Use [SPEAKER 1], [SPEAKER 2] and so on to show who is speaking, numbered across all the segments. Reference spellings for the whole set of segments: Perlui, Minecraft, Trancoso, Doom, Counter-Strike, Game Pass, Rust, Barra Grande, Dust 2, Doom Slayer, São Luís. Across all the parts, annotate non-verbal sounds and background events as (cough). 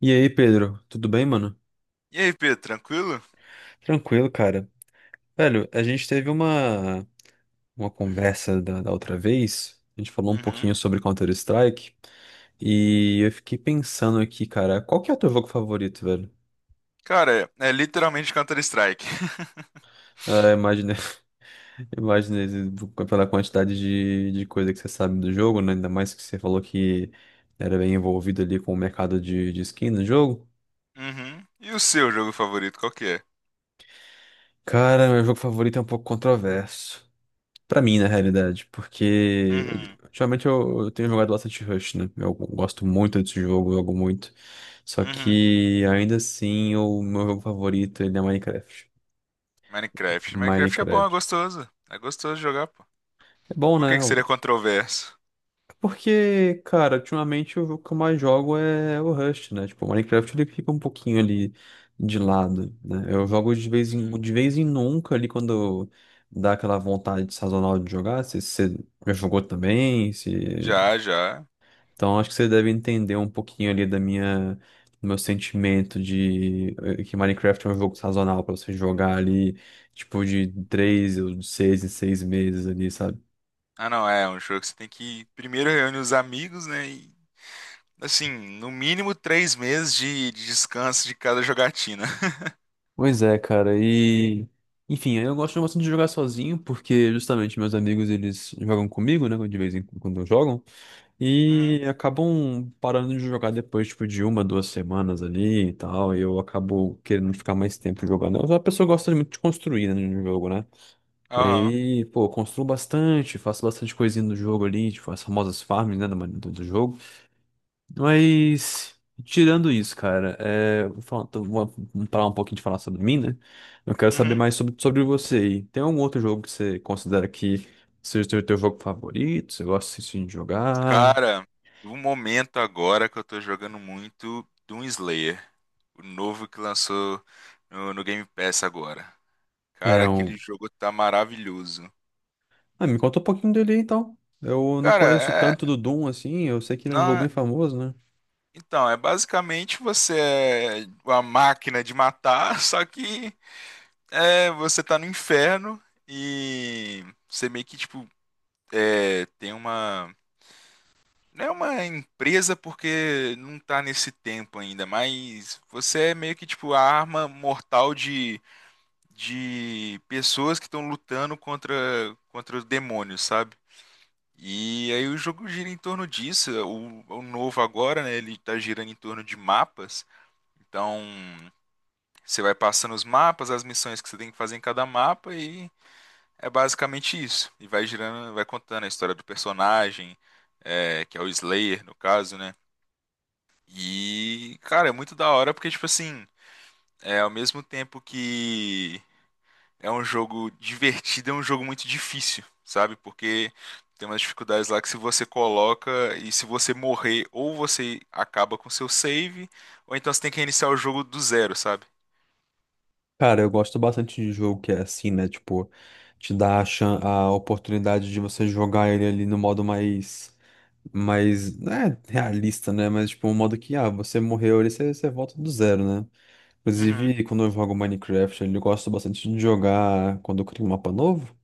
[SPEAKER 1] E aí, Pedro, tudo bem, mano?
[SPEAKER 2] E aí, Pedro, tranquilo?
[SPEAKER 1] Tranquilo, cara. Velho, a gente teve uma conversa da outra vez. A gente falou um
[SPEAKER 2] Uhum.
[SPEAKER 1] pouquinho sobre Counter-Strike, e eu fiquei pensando aqui, cara, qual que é o teu jogo favorito, velho?
[SPEAKER 2] Cara, é literalmente Counter-Strike. (laughs)
[SPEAKER 1] Ah, imaginei. (laughs) Imaginei pela quantidade de coisa que você sabe do jogo, né? Ainda mais que você falou que era bem envolvido ali com o mercado de skin no jogo.
[SPEAKER 2] Uhum. E o seu jogo favorito, qual que é?
[SPEAKER 1] Cara, meu jogo favorito é um pouco controverso pra mim, na realidade, porque
[SPEAKER 2] Uhum.
[SPEAKER 1] ultimamente eu tenho jogado bastante Rush, né? Eu gosto muito desse jogo, eu jogo muito. Só
[SPEAKER 2] Uhum.
[SPEAKER 1] que ainda assim, o meu jogo favorito ele é Minecraft.
[SPEAKER 2] Minecraft. Minecraft é bom, é
[SPEAKER 1] Minecraft.
[SPEAKER 2] gostoso. É gostoso jogar, pô.
[SPEAKER 1] É bom,
[SPEAKER 2] Por que
[SPEAKER 1] né?
[SPEAKER 2] que
[SPEAKER 1] O-
[SPEAKER 2] seria controverso?
[SPEAKER 1] Porque, cara, ultimamente o jogo que eu mais jogo é o Rust, né? Tipo, o Minecraft ele fica um pouquinho ali de lado, né? Eu jogo de vez em,
[SPEAKER 2] Uhum.
[SPEAKER 1] de vez em nunca ali quando dá aquela vontade sazonal de jogar. Se você já jogou também, se.
[SPEAKER 2] Já, já.
[SPEAKER 1] Então, acho que você deve entender um pouquinho ali da minha, do meu sentimento de que Minecraft é um jogo sazonal pra você jogar ali, tipo, de 3 ou de 6 em 6 meses ali, sabe?
[SPEAKER 2] Ah, não, é um jogo que você tem que primeiro reúne os amigos, né? E, assim, no mínimo 3 meses de descanso de cada jogatina. (laughs)
[SPEAKER 1] Pois é, cara, e... Enfim, eu gosto bastante de jogar sozinho, porque justamente meus amigos, eles jogam comigo, né, de vez em quando jogam,
[SPEAKER 2] Uhum.
[SPEAKER 1] e acabam parando de jogar depois, tipo, de uma, 2 semanas ali e tal, e eu acabo querendo ficar mais tempo jogando. Eu sou uma pessoa que gosta muito de construir, né, no jogo, né? E
[SPEAKER 2] Aham.
[SPEAKER 1] aí, pô, eu construo bastante, faço bastante coisinha no jogo ali, tipo, as famosas farms, né, do jogo. Mas, tirando isso, cara, é, vou falar, tô- vou vamos parar um pouquinho de falar sobre mim, né? Eu quero saber
[SPEAKER 2] Uhum.
[SPEAKER 1] mais sobre você aí. Tem algum outro jogo que você considera que seja o teu jogo favorito? Você gosta assim, de jogar?
[SPEAKER 2] Cara, um momento agora que eu tô jogando muito Doom Slayer, o novo que lançou no Game Pass agora. Cara,
[SPEAKER 1] É
[SPEAKER 2] aquele
[SPEAKER 1] um...
[SPEAKER 2] jogo tá maravilhoso.
[SPEAKER 1] Ah, me conta um pouquinho dele aí, então. Eu não
[SPEAKER 2] Cara,
[SPEAKER 1] conheço tanto do Doom, assim, eu sei que ele é um jogo
[SPEAKER 2] na-
[SPEAKER 1] bem famoso, né?
[SPEAKER 2] então, é basicamente você é uma máquina de matar, (laughs) só que você tá no inferno e você meio que, tipo, tem uma não é uma empresa porque não tá nesse tempo ainda, mas você é meio que tipo a arma mortal de pessoas que estão lutando contra, contra os demônios, sabe? E aí o jogo gira em torno disso. O novo agora, né? Ele tá girando em torno de mapas. Então você vai passando os mapas, as missões que você tem que fazer em cada mapa e é basicamente isso. E vai girando, vai contando a história do personagem, é, que é o Slayer, no caso, né? E, cara, é muito da hora porque, tipo assim, é ao mesmo tempo que é um jogo divertido, é um jogo muito difícil, sabe? Porque tem umas dificuldades lá que se você coloca e se você morrer, ou você acaba com seu save, ou então você tem que reiniciar o jogo do zero, sabe?
[SPEAKER 1] Cara, eu gosto bastante de jogo que é assim, né? Tipo, te dá a oportunidade de você jogar ele ali no modo mais, mais, né, realista, né? Mas, tipo, um modo que, ah, você morreu ali, você volta do zero, né?
[SPEAKER 2] Uhum,
[SPEAKER 1] Inclusive, quando eu jogo Minecraft, ali, eu gosto bastante de jogar quando eu crio um mapa novo.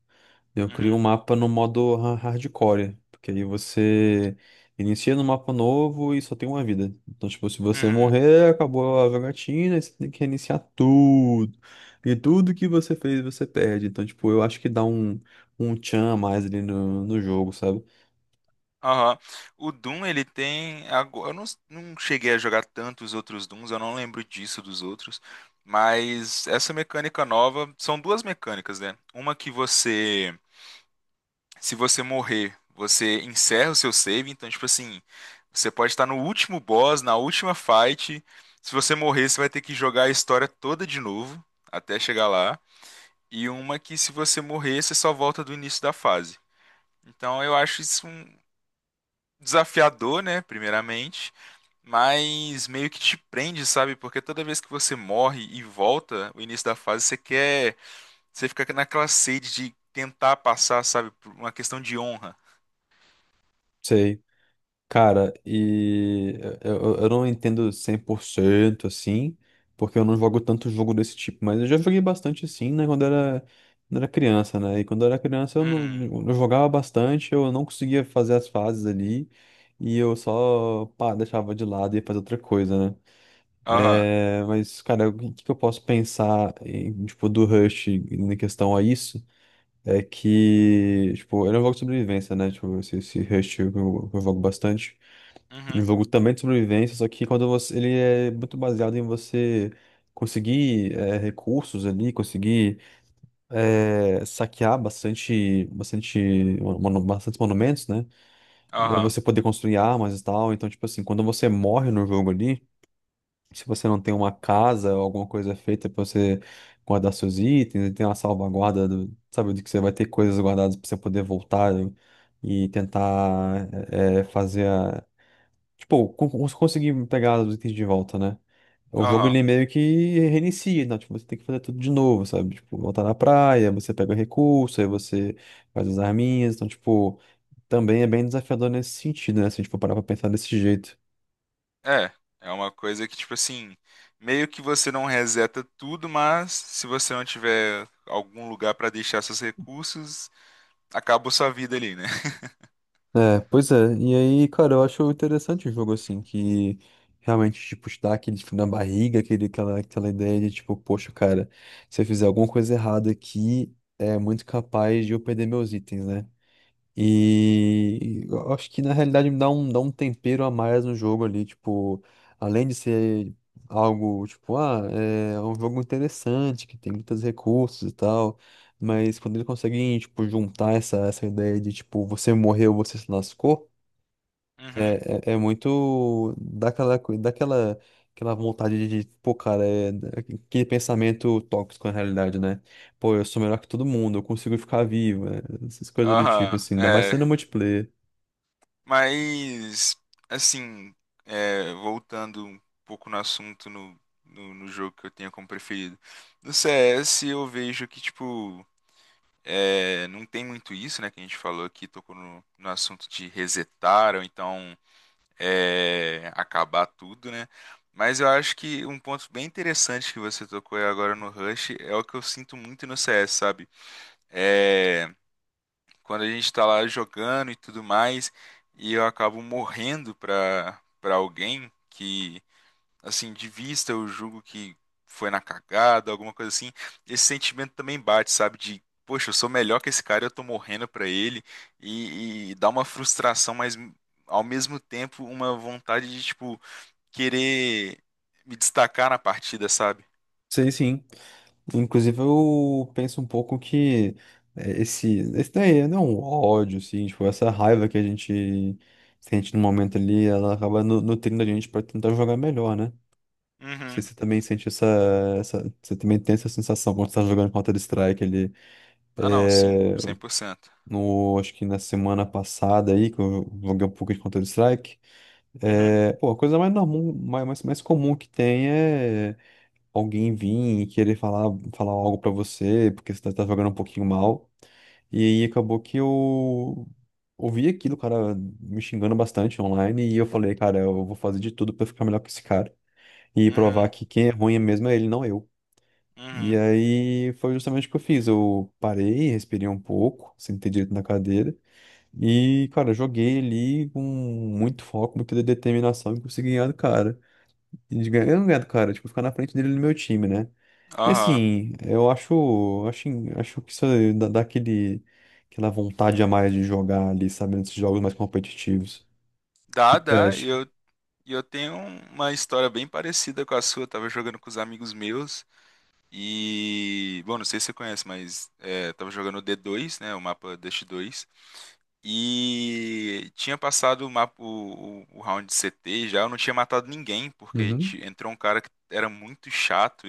[SPEAKER 1] Eu crio um
[SPEAKER 2] uhum,
[SPEAKER 1] mapa no modo hardcore, porque aí você inicia no mapa novo e só tem uma vida. Então, tipo, se você
[SPEAKER 2] uhum.
[SPEAKER 1] morrer, acabou a jogatina, e você tem que reiniciar tudo. E tudo que você fez, você perde. Então, tipo, eu acho que dá um tchan a mais ali no jogo, sabe?
[SPEAKER 2] Aham. O Doom, ele tem. Eu não, não cheguei a jogar tanto os outros Dooms, eu não lembro disso dos outros. Mas essa mecânica nova. São duas mecânicas, né? Uma que você. Se você morrer, você encerra o seu save. Então, tipo assim. Você pode estar no último boss, na última fight. Se você morrer, você vai ter que jogar a história toda de novo. Até chegar lá. E uma que, se você morrer, você só volta do início da fase. Então, eu acho isso desafiador, né? Primeiramente, mas meio que te prende, sabe? Porque toda vez que você morre e volta, o início da fase, você quer. Você fica naquela sede de tentar passar, sabe? Por uma questão de honra.
[SPEAKER 1] Sei. Cara, e eu não entendo 100% assim, porque eu não jogo tanto jogo desse tipo, mas eu já joguei bastante assim, né, quando era criança, né? E quando eu era criança eu, não,
[SPEAKER 2] Hum,
[SPEAKER 1] eu jogava bastante, eu não conseguia fazer as fases ali, e eu só, pá, deixava de lado e ia fazer outra coisa, né?
[SPEAKER 2] aham,
[SPEAKER 1] É, mas, cara, o que, que eu posso pensar em, tipo, do Rush em questão a isso? É que, tipo, ele é um jogo de sobrevivência, né? Tipo, esse Rush eu jogo bastante. Um
[SPEAKER 2] uhum,
[SPEAKER 1] jogo também de sobrevivência, só que quando você, ele é muito baseado em você conseguir recursos ali, conseguir saquear bastante, bastante, bastantes monumentos, né?
[SPEAKER 2] aham,
[SPEAKER 1] Você poder construir armas e tal. Então, tipo assim, quando você morre no jogo ali, se você não tem uma casa ou alguma coisa feita pra você guardar seus itens, e tem uma salvaguarda do, sabe, de que você vai ter coisas guardadas pra você poder voltar e tentar fazer, tipo, conseguir pegar os itens de volta, né? O jogo
[SPEAKER 2] aham.
[SPEAKER 1] ele meio que reinicia, né? Tipo, você tem que fazer tudo de novo, sabe? Tipo, voltar na praia, você pega o recurso, aí você faz as arminhas. Então, tipo, também é bem desafiador nesse sentido, né? Se a gente for parar pra pensar desse jeito.
[SPEAKER 2] É, é uma coisa que, tipo assim, meio que você não reseta tudo, mas se você não tiver algum lugar pra deixar seus recursos, acabou sua vida ali, né?
[SPEAKER 1] É, pois é. E aí, cara, eu acho interessante o jogo, assim, que realmente, tipo, te dá aquele frio na barriga, aquela ideia de, tipo, poxa, cara, se eu fizer alguma coisa errada aqui, é muito capaz de eu perder meus itens, né? E eu acho que na realidade me dá um tempero a mais no jogo ali, tipo, além de ser algo, tipo, ah, é um jogo interessante, que tem muitos recursos e tal, mas quando ele consegue, tipo, juntar essa ideia de, tipo, você morreu, você se lascou.
[SPEAKER 2] Uhum,
[SPEAKER 1] É muito daquela, coi- daquela aquela vontade de, pô, cara, aquele pensamento tóxico na realidade, né? Pô, eu sou melhor que todo mundo, eu consigo ficar vivo, né? Essas coisas do tipo,
[SPEAKER 2] aham,
[SPEAKER 1] assim, ainda mais
[SPEAKER 2] é.
[SPEAKER 1] sendo multiplayer.
[SPEAKER 2] Mas, assim, voltando um pouco no assunto no jogo que eu tenho como preferido. No CS eu vejo que, tipo, não tem muito isso, né? Que a gente falou aqui, tocou no assunto de resetar ou então acabar tudo, né? Mas eu acho que um ponto bem interessante que você tocou agora no Rush é o que eu sinto muito no CS, sabe? É quando a gente está lá jogando e tudo mais, e eu acabo morrendo pra alguém que, assim, de vista eu julgo que foi na cagada, alguma coisa assim, esse sentimento também bate, sabe? De, poxa, eu sou melhor que esse cara, eu tô morrendo pra ele, e dá uma frustração, mas ao mesmo tempo uma vontade de, tipo, querer me destacar na partida, sabe?
[SPEAKER 1] Sei sim. Inclusive, eu penso um pouco que esse daí não é um ódio, assim, tipo, essa raiva que a gente sente no momento ali, ela acaba nutrindo a gente pra tentar jogar melhor, né? Sei
[SPEAKER 2] Uhum.
[SPEAKER 1] se você também sente essa. Você também tem essa sensação quando você tá jogando Counter-Strike ali.
[SPEAKER 2] Ah, não, sim,
[SPEAKER 1] É,
[SPEAKER 2] 100%.
[SPEAKER 1] no, acho que na semana passada aí, que eu joguei um pouco de Counter-Strike.
[SPEAKER 2] Uhum,
[SPEAKER 1] É, pô, a coisa mais normal, mais comum que tem é alguém vir e querer falar algo pra você, porque você tá jogando um pouquinho mal. E aí acabou que eu ouvi aquilo, o cara me xingando bastante online, e eu falei, cara, eu vou fazer de tudo pra ficar melhor que esse cara. E
[SPEAKER 2] uhum,
[SPEAKER 1] provar que quem é ruim mesmo é ele, não eu. E
[SPEAKER 2] uhum.
[SPEAKER 1] aí foi justamente o que eu fiz. Eu parei, respirei um pouco, sentei direito na cadeira e, cara, joguei ali com muito foco, muita determinação e consegui ganhar do cara. E de ganhar, eu não ganhar do cara, tipo, ficar na frente dele no meu time, né? E
[SPEAKER 2] Aham.
[SPEAKER 1] assim, eu acho que isso dá aquela vontade a mais de jogar ali, sabe, nesses jogos mais competitivos. O que
[SPEAKER 2] Dá,
[SPEAKER 1] que você
[SPEAKER 2] dá.
[SPEAKER 1] acha?
[SPEAKER 2] Eu E eu tenho uma história bem parecida com a sua. Eu tava jogando com os amigos meus e, bom, não sei se você conhece, mas tava jogando o D2, né, o mapa Dust 2, e tinha passado o mapa o round de CT já, eu não tinha matado ninguém,
[SPEAKER 1] Uhum.
[SPEAKER 2] entrou um cara que era muito chato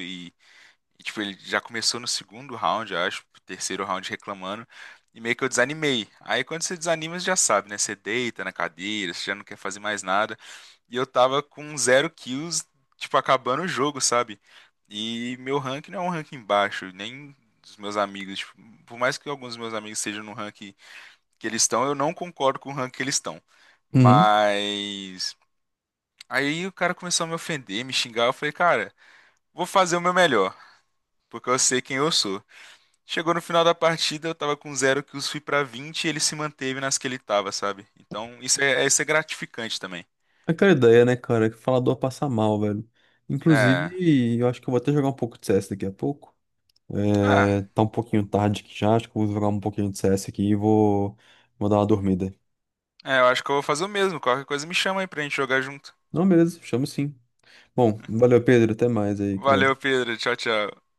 [SPEAKER 2] e, tipo, ele já começou no segundo round, eu acho, terceiro round reclamando. E meio que eu desanimei. Aí quando você desanima, você já sabe, né? Você deita na cadeira, você já não quer fazer mais nada. E eu tava com 0 kills, tipo, acabando o jogo, sabe? E meu rank não é um ranking baixo, nem dos meus amigos. Tipo, por mais que alguns dos meus amigos estejam no rank que eles estão, eu não concordo com o rank que eles estão.
[SPEAKER 1] Uhum.
[SPEAKER 2] Mas. Aí o cara começou a me ofender, me xingar. Eu falei, cara, vou fazer o meu melhor, porque eu sei quem eu sou. Chegou no final da partida, eu tava com zero kills, fui pra 20 e ele se manteve nas que ele tava, sabe? Então isso é gratificante também.
[SPEAKER 1] Aquela ideia, né, cara, que falador passa mal, velho.
[SPEAKER 2] É.
[SPEAKER 1] Inclusive, eu acho que eu vou até jogar um pouco de CS daqui a pouco. É,
[SPEAKER 2] Ah,
[SPEAKER 1] tá um pouquinho tarde aqui já. Acho que eu vou jogar um pouquinho de CS aqui e vou dar uma dormida.
[SPEAKER 2] eu acho que eu vou fazer o mesmo. Qualquer coisa me chama aí pra gente jogar junto.
[SPEAKER 1] Não, beleza, chamo sim. Bom, valeu, Pedro, até mais aí, cara.
[SPEAKER 2] Valeu, Pedro. Tchau, tchau.